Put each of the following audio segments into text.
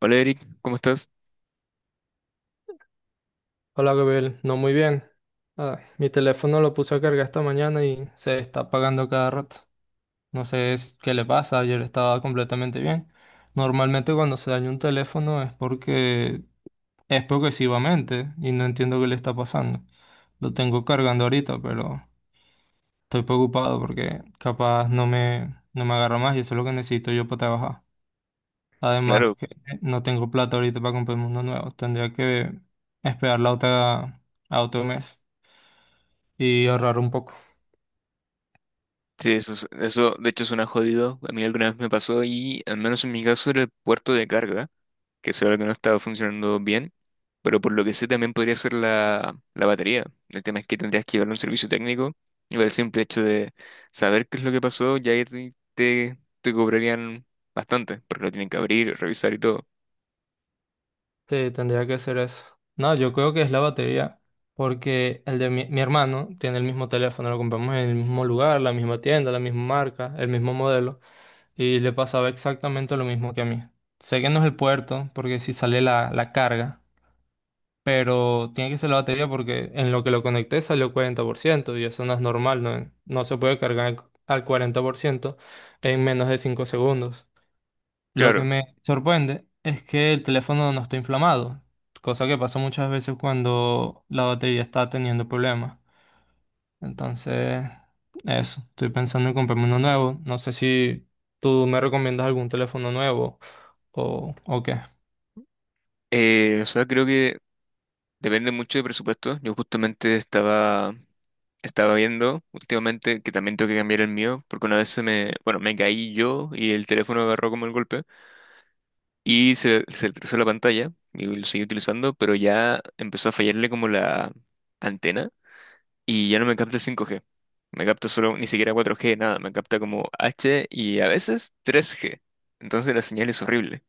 Hola Eric, ¿cómo estás? Hola Gabriel, no muy bien. Mi teléfono lo puse a cargar esta mañana y se está apagando cada rato. No sé qué le pasa, ayer estaba completamente bien. Normalmente cuando se daña un teléfono es porque es progresivamente y no entiendo qué le está pasando. Lo tengo cargando ahorita, pero estoy preocupado porque capaz no me agarra más y eso es lo que necesito yo para trabajar. Además Claro, que no tengo plata ahorita para comprarme uno nuevo, tendría que esperar la otra a otro mes y ahorrar un poco. sí, eso, eso de hecho suena jodido. A mí alguna vez me pasó y al menos en mi caso era el puerto de carga, que se ve que no estaba funcionando bien, pero por lo que sé también podría ser la batería. El tema es que tendrías que llevarlo a un servicio técnico y por el simple hecho de saber qué es lo que pasó ya ahí te cobrarían bastante, porque lo tienen que abrir, revisar y todo. Sí, tendría que ser eso. No, yo creo que es la batería, porque el de mi hermano tiene el mismo teléfono, lo compramos en el mismo lugar, la misma tienda, la misma marca, el mismo modelo, y le pasaba exactamente lo mismo que a mí. Sé que no es el puerto, porque si sale la carga, pero tiene que ser la batería porque en lo que lo conecté salió 40%, y eso no es normal, no, no se puede cargar al 40% en menos de 5 segundos. Lo que Claro, me sorprende es que el teléfono no está inflamado, cosa que pasa muchas veces cuando la batería está teniendo problemas. Entonces, eso, estoy pensando en comprarme uno nuevo. No sé si tú me recomiendas algún teléfono nuevo o qué. O sea, creo que depende mucho de presupuesto. Yo justamente estaba viendo últimamente que también tengo que cambiar el mío, porque una vez se me, bueno, me caí yo y el teléfono agarró como el golpe y se atrasó la pantalla y lo seguí utilizando, pero ya empezó a fallarle como la antena y ya no me capta el 5G. Me capta solo, ni siquiera 4G, nada, me capta como H y a veces 3G. Entonces la señal es horrible.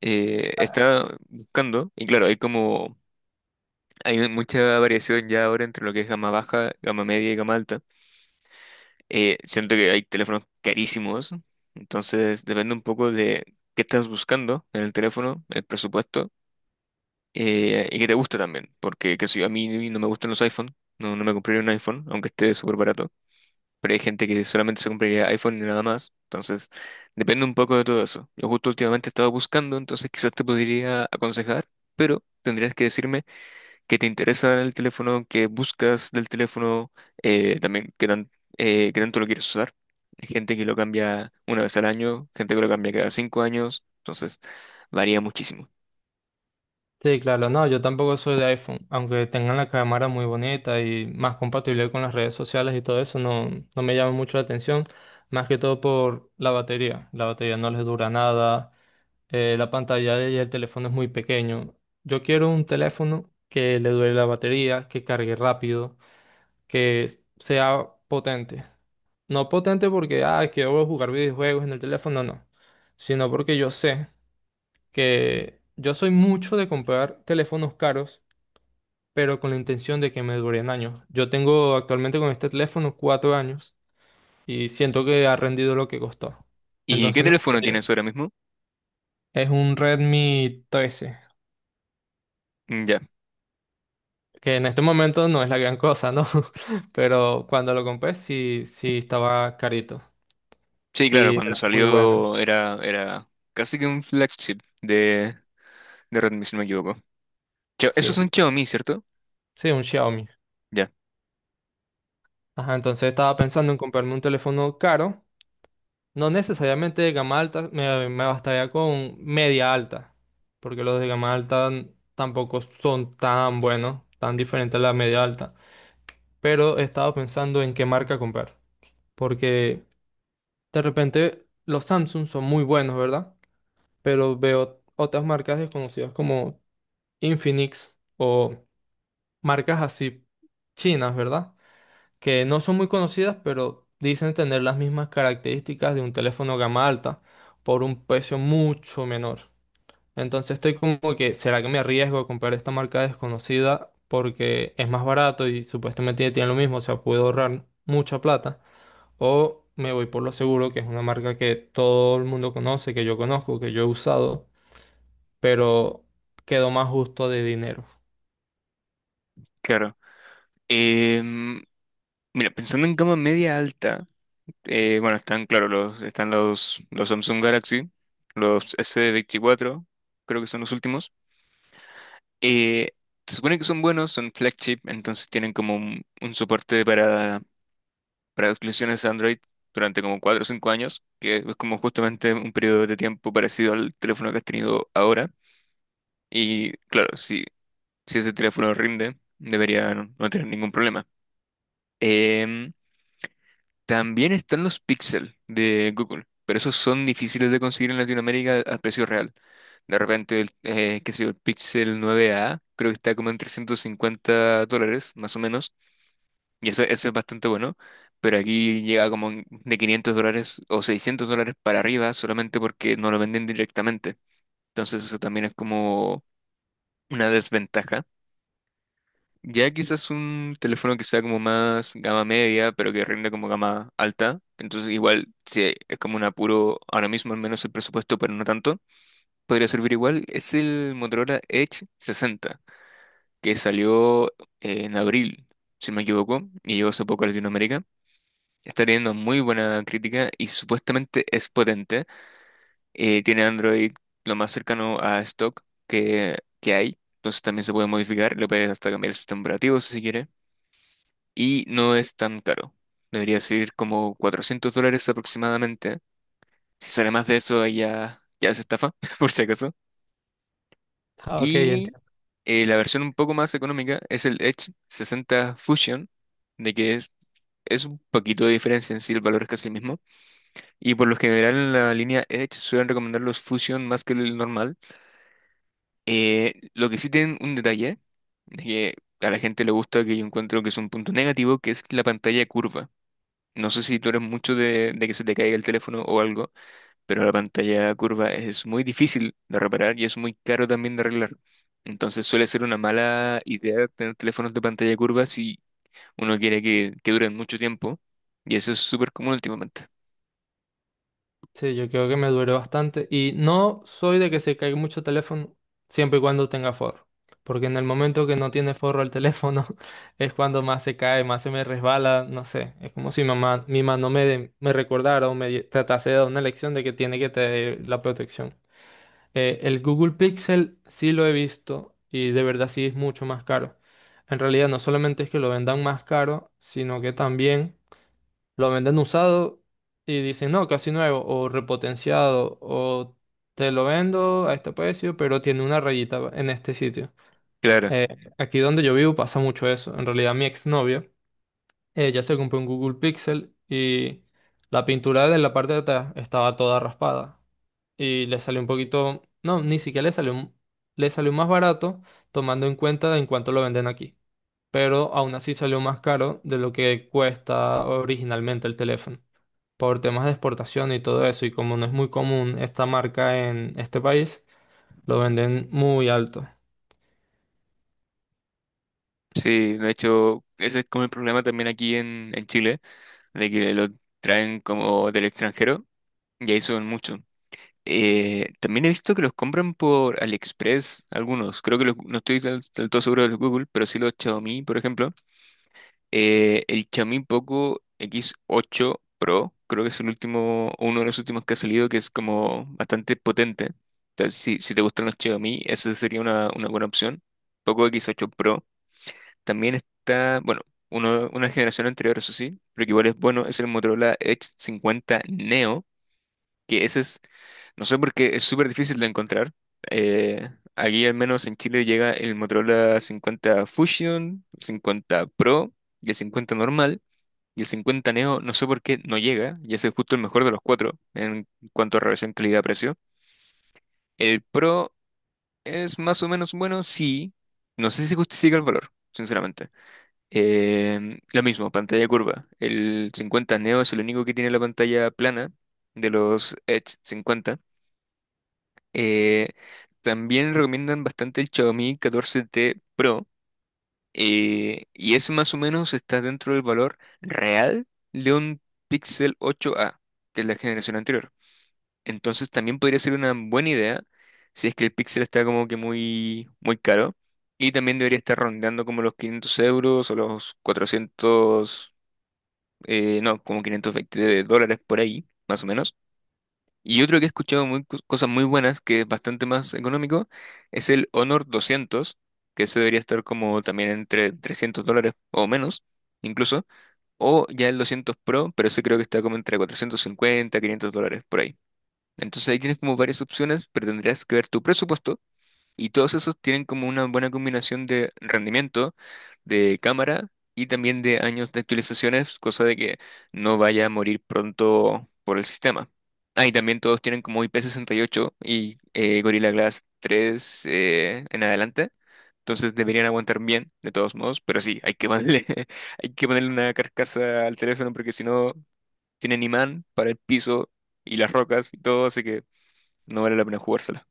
Estaba buscando y claro, Hay mucha variación ya ahora entre lo que es gama baja, gama media y gama alta. Siento que hay teléfonos carísimos, entonces depende un poco de qué estás buscando en el teléfono, el presupuesto, y qué te gusta también. Porque, qué sé yo, a mí no me gustan los iPhone, no, no me compraría un iPhone, aunque esté súper barato. Pero hay gente que solamente se compraría iPhone y nada más. Entonces, depende un poco de todo eso. Yo justo últimamente he estado buscando, entonces quizás te podría aconsejar, pero tendrías que decirme que te interesa del teléfono, que buscas del teléfono, también qué tanto lo quieres usar. Hay gente que lo cambia una vez al año, gente que lo cambia cada 5 años, entonces varía muchísimo. Sí, claro, no, yo tampoco soy de iPhone, aunque tengan la cámara muy bonita y más compatible con las redes sociales y todo eso, no, no me llama mucho la atención, más que todo por la batería. La batería no les dura nada. La y el teléfono es muy pequeño. Yo quiero un teléfono que le dure la batería, que cargue rápido, que sea potente. No potente porque, quiero jugar videojuegos en el teléfono, no. Sino porque yo sé que yo soy mucho de comprar teléfonos caros, pero con la intención de que me duren años. Yo tengo actualmente con este teléfono 4 años y siento que ha rendido lo que costó. ¿Y qué Entonces me teléfono tienes gustaría. ahora mismo? Es un Redmi 13, Mm, ya. que en este momento no es la gran cosa, ¿no? Pero cuando lo compré sí, sí estaba carito Sí, claro, y era cuando muy bueno, salió era casi que un flagship de Redmi, si no me equivoco. Eso es sí, un Xiaomi, ¿cierto? sí, un Xiaomi. Ya, Ajá, entonces estaba pensando en comprarme un teléfono caro, no necesariamente de gama alta, me bastaría con media alta, porque los de gama alta tampoco son tan buenos, tan diferentes a la media alta, pero estaba pensando en qué marca comprar, porque de repente los Samsung son muy buenos, ¿verdad? Pero veo otras marcas desconocidas como Infinix o marcas así chinas, ¿verdad? Que no son muy conocidas, pero dicen tener las mismas características de un teléfono gama alta por un precio mucho menor. Entonces estoy como que, ¿será que me arriesgo a comprar esta marca desconocida porque es más barato y supuestamente tiene lo mismo, o sea, puedo ahorrar mucha plata? ¿O me voy por lo seguro, que es una marca que todo el mundo conoce, que yo conozco, que yo he usado? Pero quedó más justo de dinero. claro. Em, Mira, pensando en gama media alta. Bueno, están, claro, están los Samsung Galaxy, los S24, creo que son los últimos. Eh, Se supone que son buenos, son flagship, entonces tienen como un soporte para exclusiones Android durante como 4 o 5 años, que es como justamente un periodo de tiempo parecido al teléfono que has tenido ahora. Y claro, si ese teléfono rinde, debería no tener ningún problema. Em, También están los Pixel de Google, pero esos son difíciles de conseguir en Latinoamérica al precio real. De repente, qué sé yo, el Pixel 9A creo que está como en $350, más o menos, y eso es bastante bueno, pero aquí llega como de $500 o $600 para arriba solamente porque no lo venden directamente. Entonces eso también es como una desventaja. Ya quizás un teléfono que sea como más gama media, pero que rinde como gama alta. Entonces igual, si es como un apuro, ahora mismo al menos el presupuesto, pero no tanto, podría servir igual. Es el Motorola Edge 60, que salió en abril, si no me equivoco, y llegó hace poco a Latinoamérica. Está teniendo muy buena crítica y supuestamente es potente. Tiene Android lo más cercano a stock que hay. Entonces también se puede modificar, le puedes hasta cambiar el sistema operativo si se quiere. Y no es tan caro. Debería ser como $400 aproximadamente. Si sale más de eso, ahí ya, ya es estafa, por si acaso. Ah, ok, Y entiendo. La versión un poco más económica es el Edge 60 Fusion, de que es un poquito de diferencia en sí, el valor es casi el mismo. Y por lo general en la línea Edge suelen recomendar los Fusion más que el normal. Lo que sí tienen un detalle, de que a la gente le gusta, que yo encuentro que es un punto negativo, que es la pantalla curva. No sé si tú eres mucho de que se te caiga el teléfono o algo, pero la pantalla curva es muy difícil de reparar y es muy caro también de arreglar. Entonces suele ser una mala idea tener teléfonos de pantalla curva si uno quiere que duren mucho tiempo. Y eso es súper común últimamente. Sí, yo creo que me duró bastante. Y no soy de que se caiga mucho teléfono siempre y cuando tenga forro. Porque en el momento que no tiene forro el teléfono, es cuando más se cae, más se me resbala, no sé. Es como si mamá, mi mano me recordara o tratase de dar una lección de que tiene que tener la protección. El Google Pixel sí lo he visto y de verdad sí es mucho más caro. En realidad no solamente es que lo vendan más caro, sino que también… Lo venden usado y dicen, no, casi nuevo, o repotenciado, o te lo vendo a este precio, pero tiene una rayita en este sitio. Claro, Eh, Aquí donde yo vivo pasa mucho eso. En realidad, mi exnovia, ella se compró un Google Pixel y la pintura de la parte de atrás estaba toda raspada. Y le salió un poquito, no, ni siquiera le salió, le salió más barato, tomando en cuenta en cuánto lo venden aquí. Pero aún así salió más caro de lo que cuesta originalmente el teléfono por temas de exportación y todo eso, y como no es muy común esta marca en este país, lo venden muy alto. sí, de hecho, ese es como el problema también aquí en Chile, de que lo traen como del extranjero y ahí suben mucho. También he visto que los compran por AliExpress, algunos. Creo que no estoy del todo seguro de los Google, pero sí los Xiaomi, por ejemplo. El Xiaomi Poco X8 Pro, creo que es el último, uno de los últimos que ha salido, que es como bastante potente. Entonces, si te gustan los Xiaomi, esa sería una buena opción. Poco X8 Pro. También está, bueno, una generación anterior, eso sí, pero que igual es bueno, es el Motorola Edge 50 Neo, que ese es no sé por qué es súper difícil de encontrar. Eh, Aquí al menos en Chile llega el Motorola 50 Fusion, 50 Pro y el 50 normal. Y el 50 Neo no sé por qué no llega. Y ese es justo el mejor de los cuatro en cuanto a relación calidad-precio. El Pro es más o menos bueno, sí. No sé si justifica el valor, sinceramente. Lo mismo, pantalla curva. El 50 Neo es el único que tiene la pantalla plana de los Edge 50. Eh, También recomiendan bastante el Xiaomi 14T Pro, y ese más o menos está dentro del valor real de un Pixel 8a, que es la generación anterior. Entonces también podría ser una buena idea si es que el Pixel está como que muy, muy caro y también debería estar rondando como los 500 € o los 400, no, como $520 por ahí, más o menos. Y otro que he escuchado muy, cosas muy buenas, que es bastante más económico, es el Honor 200, que ese debería estar como también entre $300 o menos, incluso. O ya el 200 Pro, pero ese creo que está como entre 450, $500 por ahí. Entonces ahí tienes como varias opciones, pero tendrías que ver tu presupuesto y todos esos tienen como una buena combinación de rendimiento, de cámara y también de años de actualizaciones, cosa de que no vaya a morir pronto por el sistema. Ah, y también todos tienen como IP68 y ocho y Gorilla Glass 3, en adelante. Entonces deberían aguantar bien, de todos modos, pero sí, hay que ponerle, hay que ponerle una carcasa al teléfono porque si no tienen imán para el piso y las rocas y todo, así que no vale la pena jugársela.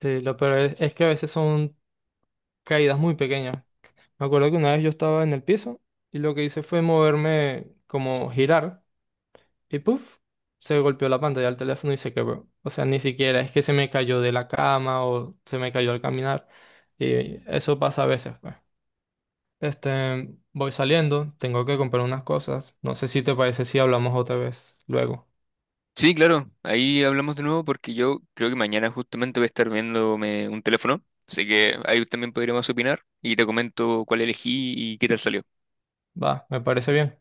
Sí, lo peor es que a veces son caídas muy pequeñas. Me acuerdo que una vez yo estaba en el piso y lo que hice fue moverme, como girar, y puff, se golpeó la pantalla del teléfono y se quebró. O sea, ni siquiera es que se me cayó de la cama o se me cayó al caminar. Y eso pasa a veces, pues. Este, voy saliendo, tengo que comprar unas cosas. No sé si te parece si hablamos otra vez luego. Sí, claro, ahí hablamos de nuevo porque yo creo que mañana justamente voy a estar viéndome un teléfono, así que ahí también podríamos opinar y te comento cuál elegí y qué tal salió. Va, me parece bien.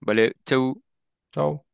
Vale, chau. Chao.